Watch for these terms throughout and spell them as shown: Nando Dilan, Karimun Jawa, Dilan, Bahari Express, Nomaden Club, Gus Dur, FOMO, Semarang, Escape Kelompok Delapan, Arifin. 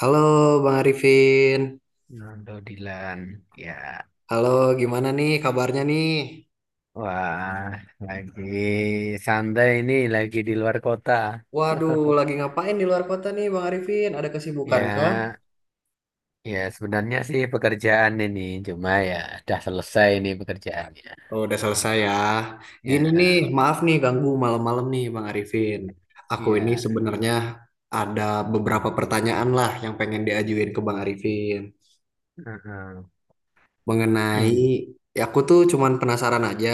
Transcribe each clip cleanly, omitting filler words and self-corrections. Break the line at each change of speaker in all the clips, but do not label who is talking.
Halo Bang Arifin.
Nando Dilan, ya.
Halo, gimana nih kabarnya nih?
Wah, lagi santai ini, lagi di luar kota.
Waduh, lagi ngapain di luar kota nih Bang Arifin? Ada kesibukan kah?
Ya, ya, sebenarnya sih pekerjaan ini, cuma ya udah selesai ini pekerjaannya.
Oh, udah selesai ya.
Ya,
Gini nih, maaf nih ganggu malam-malam nih Bang Arifin. Aku ini
ya.
sebenarnya ada beberapa pertanyaan lah yang pengen diajuin ke Bang Arifin.
eh, eh.
Mengenai,
Hmm,
ya aku tuh cuman penasaran aja.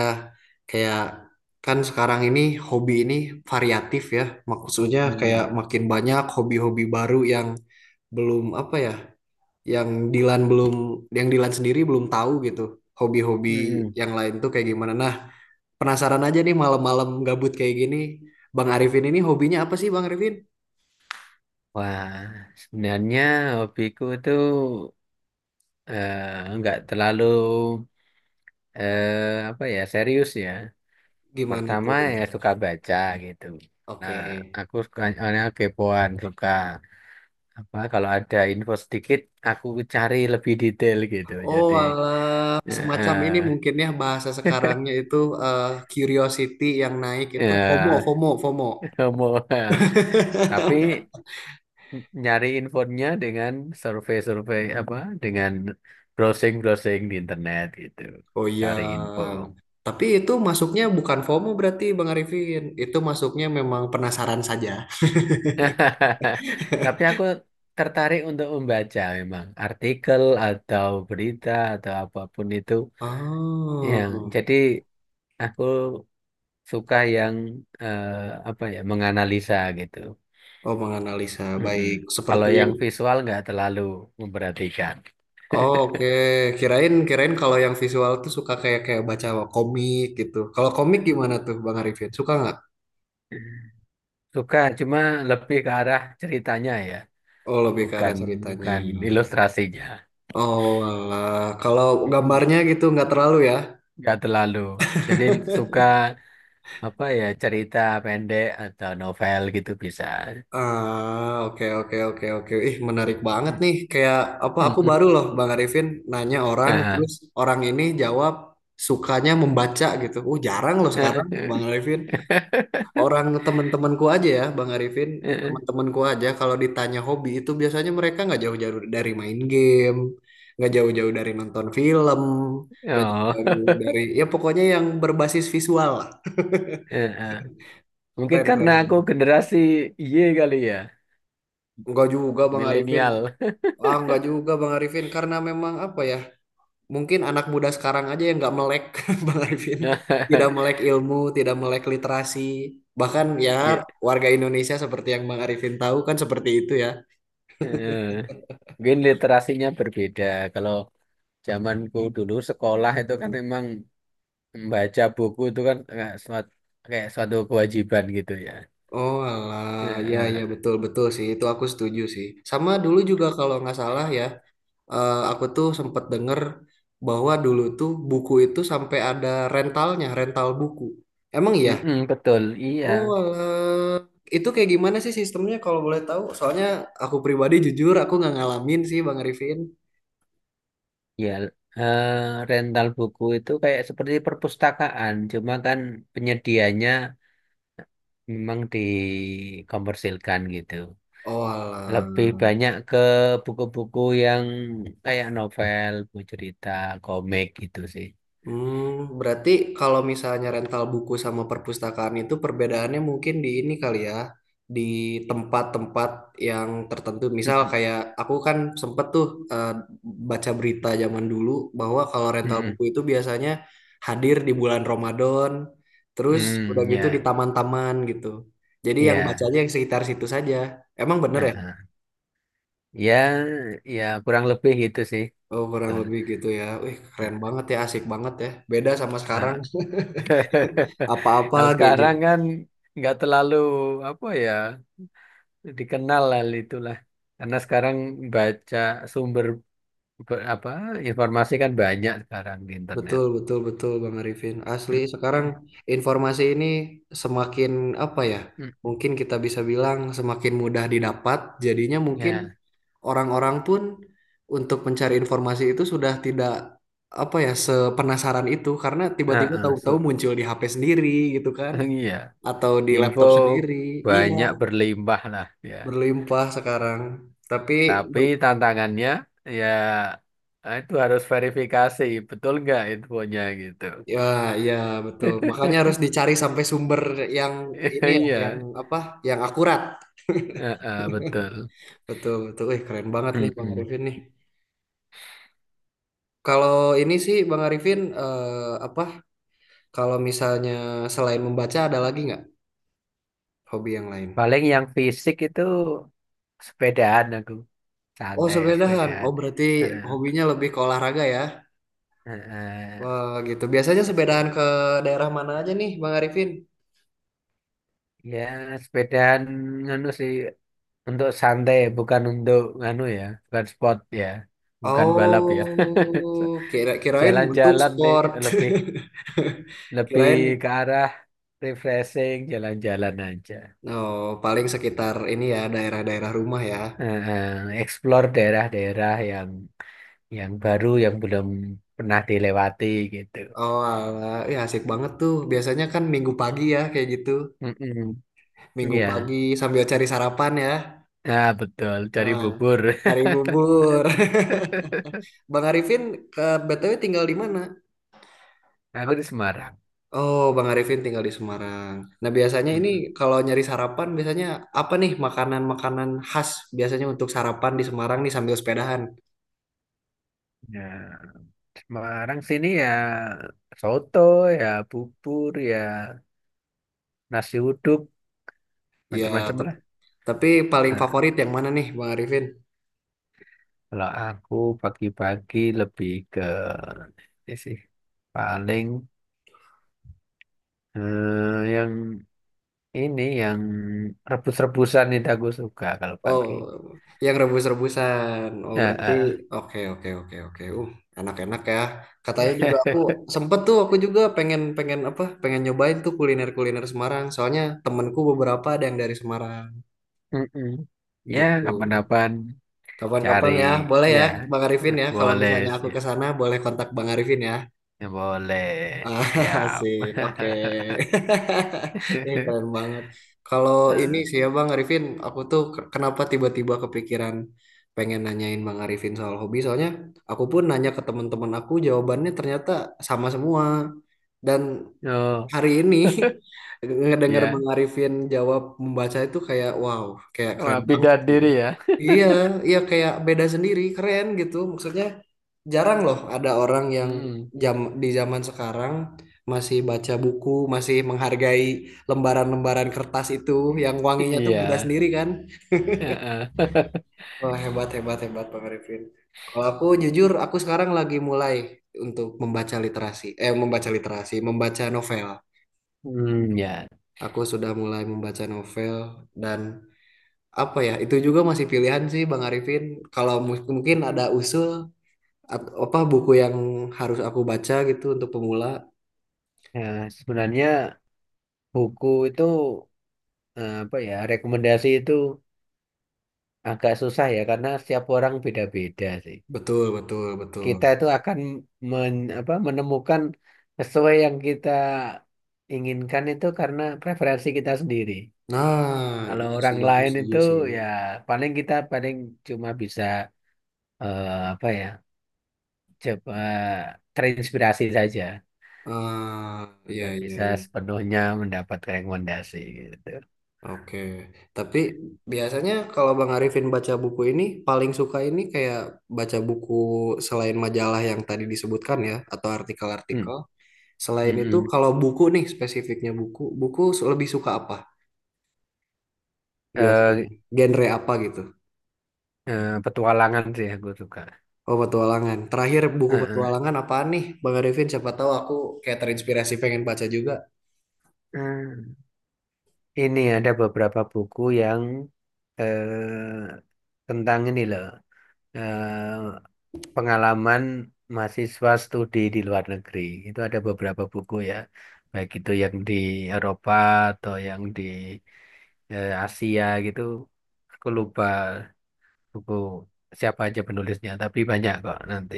Kayak kan sekarang ini hobi ini variatif ya. Maksudnya kayak
hmm,
makin banyak hobi-hobi baru yang belum apa ya, yang Dilan belum, yang Dilan sendiri belum tahu gitu, hobi-hobi
hmm.
yang lain tuh kayak gimana. Nah, penasaran aja nih malam-malam gabut kayak gini, Bang Arifin ini hobinya apa sih Bang Arifin?
Wah, sebenarnya hobiku tuh nggak terlalu apa ya serius ya.
Gimana
Pertama
tuh?
ya suka baca gitu. Nah,
Oke.
aku suka soalnya kepoan, suka apa, kalau ada info sedikit aku cari lebih detail gitu.
Oh
Jadi
alah,
eh
semacam ini mungkin ya bahasa sekarangnya itu, eh, curiosity yang naik itu, FOMO FOMO FOMO.
ya mau tapi nyari infonya dengan survei-survei apa dengan browsing-browsing di internet gitu.
Oh iya,
Cari info.
tapi itu masuknya bukan FOMO berarti Bang Arifin. Itu masuknya memang penasaran saja.
Tapi aku tertarik untuk membaca, memang artikel atau berita atau apapun itu. Ya,
Oh,
jadi aku suka yang eh, apa ya, menganalisa gitu.
oh menganalisa
Mm-mm.
baik
Kalau
seperti
yang
ini.
visual nggak terlalu memperhatikan.
Oh, oke. Kirain, kirain kalau yang visual tuh suka kayak kayak baca komik gitu. Kalau komik gimana tuh Bang Arifin? Suka nggak?
Suka, cuma lebih ke arah ceritanya ya,
Oh lebih ke
bukan
arah ceritanya.
bukan ilustrasinya.
Oh alah, kalau
Mm-mm.
gambarnya gitu nggak terlalu ya?
Nggak terlalu. Jadi suka apa ya, cerita pendek atau novel gitu bisa.
Ah oke, oke, oke, oke. Ih, menarik banget
Mm.
nih. Kayak apa? Aku
Mm-mm.
baru loh Bang Arifin nanya orang,
Ah.
terus orang ini jawab sukanya membaca gitu. Jarang loh sekarang Bang Arifin. Orang teman-temanku aja ya Bang Arifin, teman-temanku aja kalau ditanya hobi itu biasanya mereka nggak jauh-jauh dari main game, nggak jauh-jauh dari nonton film, nggak
Oh.
jauh-jauh dari, ya pokoknya yang berbasis visual lah.
Mungkin
Keren,
karena
keren
aku
banget.
generasi Y kali ya,
Enggak juga Bang Arifin,
milenial.
ah enggak juga Bang Arifin karena memang apa ya, mungkin anak muda sekarang aja yang nggak melek Bang Arifin,
Nah,
tidak melek ilmu, tidak melek literasi bahkan ya,
Ya,
warga Indonesia seperti yang Bang Arifin tahu kan seperti itu ya.
eh, mungkin literasinya berbeda. Kalau zamanku dulu sekolah itu kan memang membaca buku itu kan kayak suatu kewajiban gitu ya.
Oh
Eh,
alah, ya ya
eh,
betul, betul sih itu aku setuju sih. Sama dulu juga kalau nggak salah ya, aku tuh sempet denger bahwa dulu tuh buku itu sampai ada rentalnya, rental buku. Emang iya?
mm-mm, betul, iya.
Oh alah, itu kayak gimana sih sistemnya kalau boleh tahu? Soalnya aku pribadi, jujur aku nggak ngalamin sih Bang Arifin.
Ya, eh, rental buku itu kayak seperti perpustakaan, cuma kan penyediaannya memang dikompersilkan gitu.
Oh
Lebih
alah.
banyak ke buku-buku yang kayak novel, buku cerita, komik gitu sih.
Hmm, berarti kalau misalnya rental buku sama perpustakaan itu perbedaannya mungkin di ini kali ya, di tempat-tempat yang tertentu. Misal
Mm-mm.
kayak aku kan sempet tuh, eh, baca berita zaman dulu bahwa kalau rental
Mm-mm.
buku itu biasanya hadir di bulan Ramadan, terus udah
Hmm,
gitu di
ya,
taman-taman gitu. Jadi yang bacanya
ya,
yang sekitar situ saja. Emang bener ya?
heeh. Ya, ya kurang lebih gitu sih.
Oh, kurang
Betul.
lebih gitu ya. Wih, keren banget ya, asik banget ya. Beda sama sekarang.
Nah,
Apa-apa
kalau
gadget.
sekarang kan nggak terlalu apa ya, dikenal hal itulah, karena sekarang baca sumber apa informasi kan banyak sekarang di internet.
Betul, betul, betul, Bang Arifin. Asli, sekarang informasi ini semakin apa ya? Mungkin kita bisa bilang semakin mudah didapat. Jadinya mungkin
Ya,
orang-orang pun untuk mencari informasi itu sudah tidak, apa ya, sepenasaran itu karena tiba-tiba
heeh,
tahu-tahu muncul di HP sendiri gitu kan,
iya.
atau di
Info
laptop sendiri. Iya,
banyak berlimpah lah ya.
berlimpah sekarang. Tapi
Tapi tantangannya ya itu harus verifikasi betul nggak infonya gitu.
ya, ya betul. Makanya harus dicari sampai sumber yang ini ya,
Iya,
yang apa? Yang akurat.
heeh, betul.
Betul, betul. Wih, keren banget nih Bang
Mm-mm.
Arifin nih. Kalau ini sih Bang Arifin, apa? Kalau misalnya selain membaca ada lagi nggak hobi yang lain?
Paling yang fisik itu sepedaan aku,
Oh,
santai ya
sepedahan.
sepedaan.
Oh, berarti
Heeh,
hobinya lebih ke olahraga ya.
heeh,
Wah, gitu. Biasanya sepedahan
seped-
ke daerah mana aja nih Bang Arifin?
ya sepedaan nganu sih untuk santai, bukan untuk nganu ya, bukan sport ya, bukan balap ya.
Oh, kirain untuk
Jalan-jalan nih,
sport.
lebih lebih ke
Kirain.
arah refreshing, jalan-jalan aja.
Oh paling sekitar ini ya daerah-daerah rumah ya.
Eh, eh, explore daerah-daerah yang baru, yang belum pernah dilewati gitu.
Oh alah, ya asik banget tuh. Biasanya kan minggu pagi ya kayak gitu.
Mm-mm.
Minggu
Iya,
pagi sambil cari sarapan ya.
nah, betul. Cari
Nah,
bubur.
cari bubur. Bang Arifin ke BTW tinggal di mana?
Aku di Semarang.
Oh, Bang Arifin tinggal di Semarang. Nah, biasanya ini
Mm-mm.
kalau nyari sarapan, biasanya apa nih makanan-makanan khas biasanya untuk sarapan di Semarang nih sambil sepedahan?
Ya, Semarang sini ya soto, ya bubur, ya nasi uduk,
Ya,
macam-macam lah.
tep- tapi paling favorit yang mana nih, Bang Arifin?
Kalau aku pagi-pagi lebih ke ini sih, paling yang ini yang rebus-rebusan itu aku suka kalau pagi.
Oh, yang rebus-rebusan. Oh, berarti
Eh,
oke, oke, oke, oke. Enak-enak ya. Katanya juga aku sempet tuh, aku juga pengen pengen apa? Pengen nyobain tuh kuliner-kuliner Semarang. Soalnya temenku beberapa ada yang dari Semarang
Mm-mm. Ya
gitu.
kapan-kapan cari
Kapan-kapan ya, boleh
ya.
ya Bang Arifin ya. Kalau
Boleh
misalnya aku
sih,
ke sana, boleh kontak Bang Arifin ya.
ya, boleh
Ah,
siap.
asik, oke. Ini keren banget. Kalau ini
Ah,
sih ya Bang Arifin, aku tuh kenapa tiba-tiba kepikiran pengen nanyain Bang Arifin soal hobi. Soalnya aku pun nanya ke teman-teman aku, jawabannya ternyata sama semua. Dan
oh
hari ini ngedenger
ya.
Bang Arifin jawab membaca itu kayak wow, kayak keren
Wah,
banget,
beda
gitu.
diri ya.
Iya, iya kayak beda sendiri, keren gitu. Maksudnya jarang loh ada orang yang
Mm.
jam di zaman sekarang masih baca buku, masih menghargai lembaran-lembaran kertas itu yang wanginya tuh beda
Iya.
sendiri kan.
Eh,
Wah, hebat, hebat, hebat Bang Arifin. Kalau aku jujur, aku sekarang lagi mulai untuk membaca literasi. Membaca literasi, membaca novel.
Hmm, ya.
Aku sudah mulai membaca novel dan apa ya, itu juga masih pilihan sih Bang Arifin. Kalau mungkin ada usul, apa buku yang harus aku baca gitu untuk pemula?
Ya, sebenarnya buku itu apa ya, rekomendasi itu agak susah ya, karena setiap orang beda-beda sih.
Betul, betul, betul.
Kita itu akan menemukan sesuai yang kita inginkan itu karena preferensi kita sendiri.
Nah,
Kalau
iya sih
orang
aku
lain
setuju
itu
sih.
ya paling kita paling cuma bisa apa ya, coba terinspirasi saja.
Ah, iya,
Ya
iya,
bisa
iya.
sepenuhnya mendapat rekomendasi gitu.
Oke. Tapi biasanya kalau Bang Arifin baca buku ini paling suka ini kayak baca buku selain majalah yang tadi disebutkan ya, atau
Hmm.
artikel-artikel. Selain itu
Mm-mm.
kalau buku nih spesifiknya buku, lebih suka apa biasanya?
Eh,
Genre apa gitu?
Petualangan sih aku suka.
Oh, petualangan. Terakhir buku
Heeh.
petualangan apaan nih, Bang Arifin? Siapa tahu aku kayak terinspirasi pengen baca juga.
Hmm. Ini ada beberapa buku yang eh, tentang ini loh, eh, pengalaman mahasiswa studi di luar negeri. Itu ada beberapa buku ya, baik itu yang di Eropa atau yang di Asia gitu. Aku lupa buku siapa aja penulisnya, tapi banyak kok nanti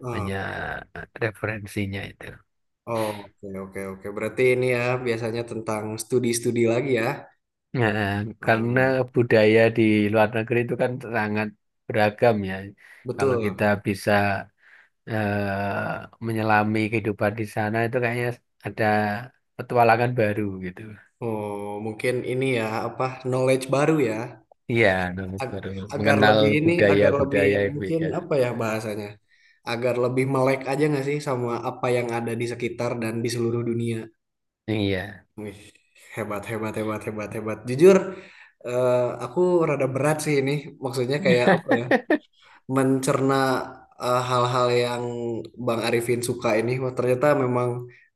Hmm.
banyak referensinya itu.
Oh, oke, oke, oke. Berarti ini ya biasanya tentang studi-studi lagi ya.
Nah, karena
Hmm,
budaya di luar negeri itu kan sangat beragam ya. Kalau kita
Betul.
bisa menyelami kehidupan di sana itu kayaknya ada petualangan baru gitu.
Oh, mungkin ini ya apa knowledge baru ya.
Iya, nah,
Ag-
baru
Agar
mengenal
lebih ini, agar lebih
budaya-budaya yang
mungkin
beda.
apa ya bahasanya? Agar lebih melek aja nggak sih sama apa yang ada di sekitar dan di seluruh dunia.
Iya.
Wih, hebat, hebat, hebat, hebat, hebat. Jujur, eh, aku rada berat sih ini. Maksudnya kayak apa ya? Mencerna hal-hal yang Bang Arifin suka ini. Wah, ternyata memang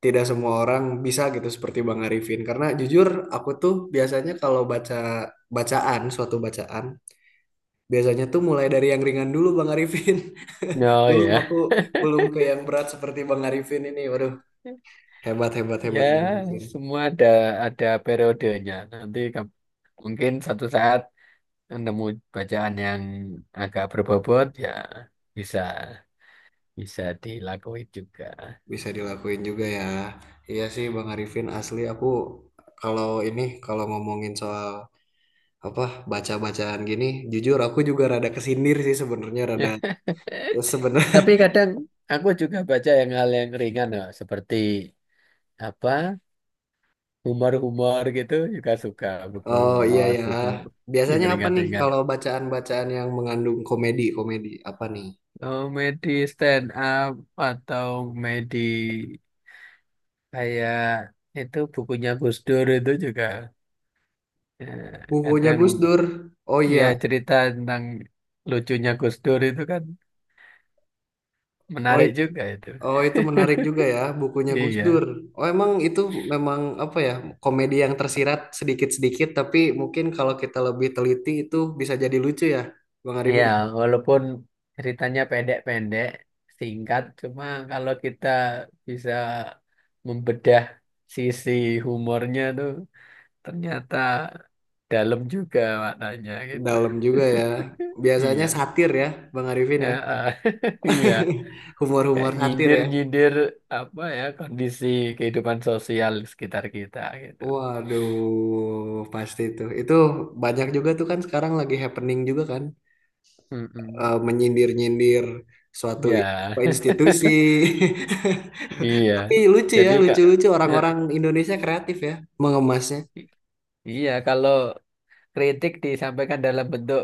tidak semua orang bisa gitu seperti Bang Arifin. Karena jujur, aku tuh biasanya kalau baca bacaan, suatu bacaan, biasanya tuh mulai dari yang ringan dulu Bang Arifin.
Oh
Belum,
ya.
aku belum ke yang berat seperti Bang Arifin ini. Waduh, hebat, hebat,
Ya,
hebat Bang Arifin.
semua ada periodenya. Nanti mungkin satu saat nemu bacaan yang agak berbobot ya, bisa bisa dilakuin juga.
Bisa dilakuin juga ya. Iya sih Bang Arifin, asli aku kalau ini kalau ngomongin soal apa baca-bacaan gini, jujur aku juga rada kesindir sih sebenarnya, rada
Ya.
sebenarnya.
Tapi kadang aku juga baca yang hal yang ringan loh, seperti apa, humor-humor gitu juga suka, buku
Oh iya
humor,
ya.
buku yang
Biasanya apa nih
ringan-ringan.
kalau bacaan-bacaan yang mengandung komedi, komedi apa nih?
Komedi stand up atau komedi kayak itu, bukunya Gus Dur itu juga eh,
Bukunya
kadang
Gus Dur. Oh
ya,
iya.
cerita tentang lucunya Gus Dur itu kan
Oh,
menarik juga itu.
oh, itu menarik juga ya, bukunya Gus Dur.
Iya.
Oh, emang itu memang apa ya, komedi yang tersirat sedikit-sedikit, tapi mungkin kalau kita lebih teliti itu bisa jadi lucu ya, Bang
Iya,
Arifin.
walaupun ceritanya pendek-pendek, singkat, cuma kalau kita bisa membedah sisi humornya tuh ternyata dalam juga maknanya gitu.
Dalam juga ya. Biasanya
Iya.
satir ya, Bang Arifin
Ya,
ya.
ah. Iya. Kayak
Humor-humor satir ya.
nyindir-nyindir apa ya, kondisi kehidupan sosial sekitar kita gitu.
Waduh, pasti itu. Itu banyak juga tuh kan sekarang lagi happening juga kan,
Mm-mm.
menyindir-nyindir suatu apa,
Ya,
institusi.
iya.
Tapi lucu ya,
Jadi kak,
lucu-lucu
eh,
orang-orang Indonesia kreatif ya mengemasnya.
i- iya kalau kritik disampaikan dalam bentuk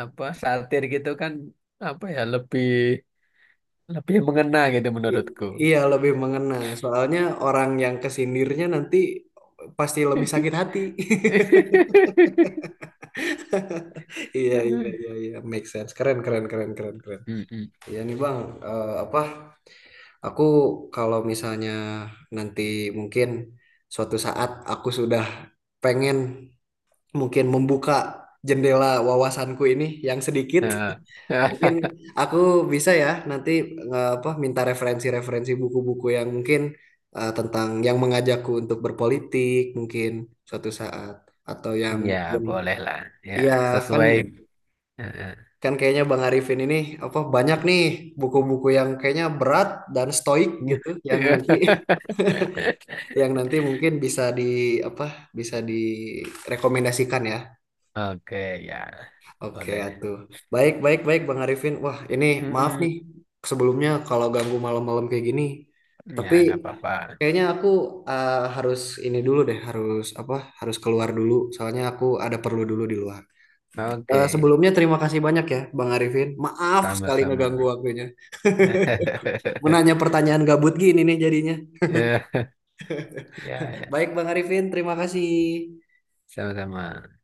apa, satir gitu kan apa ya, lebih lebih mengena gitu
I-
menurutku.
iya, lebih mengena. Soalnya orang yang kesindirnya nanti pasti lebih sakit hati. Iya, iya, iya, iya, make sense. Keren, keren, keren, keren, keren.
Mm-mm.
Iya nih Bang, apa? Aku kalau misalnya nanti mungkin suatu saat aku sudah pengen mungkin membuka jendela wawasanku ini yang sedikit.
Nah,
Mungkin aku bisa ya nanti, apa minta referensi-referensi buku-buku yang mungkin, tentang yang mengajakku untuk berpolitik mungkin suatu saat, atau yang
ya
mungkin
boleh lah. Ya
iya kan
sesuai. Eh,
kan kayaknya Bang Arifin ini apa banyak nih buku-buku yang kayaknya berat dan stoik gitu yang nanti yang nanti mungkin bisa di apa bisa direkomendasikan ya.
oke ya,
Oke,
boleh.
atuh. Baik, baik, baik, Bang Arifin. Wah, ini maaf
Mm-mm.
nih sebelumnya kalau ganggu malam-malam kayak gini.
Ya
Tapi
nggak apa-apa.
kayaknya aku, harus ini dulu deh, harus apa? Harus keluar dulu. Soalnya aku ada perlu dulu di luar.
Oke,
Sebelumnya terima kasih banyak ya, Bang Arifin. Maaf sekali
sama-sama.
ngeganggu waktunya.
ya
Menanya pertanyaan gabut gini nih jadinya.
ya ya
Baik, Bang Arifin, terima kasih.
sama-sama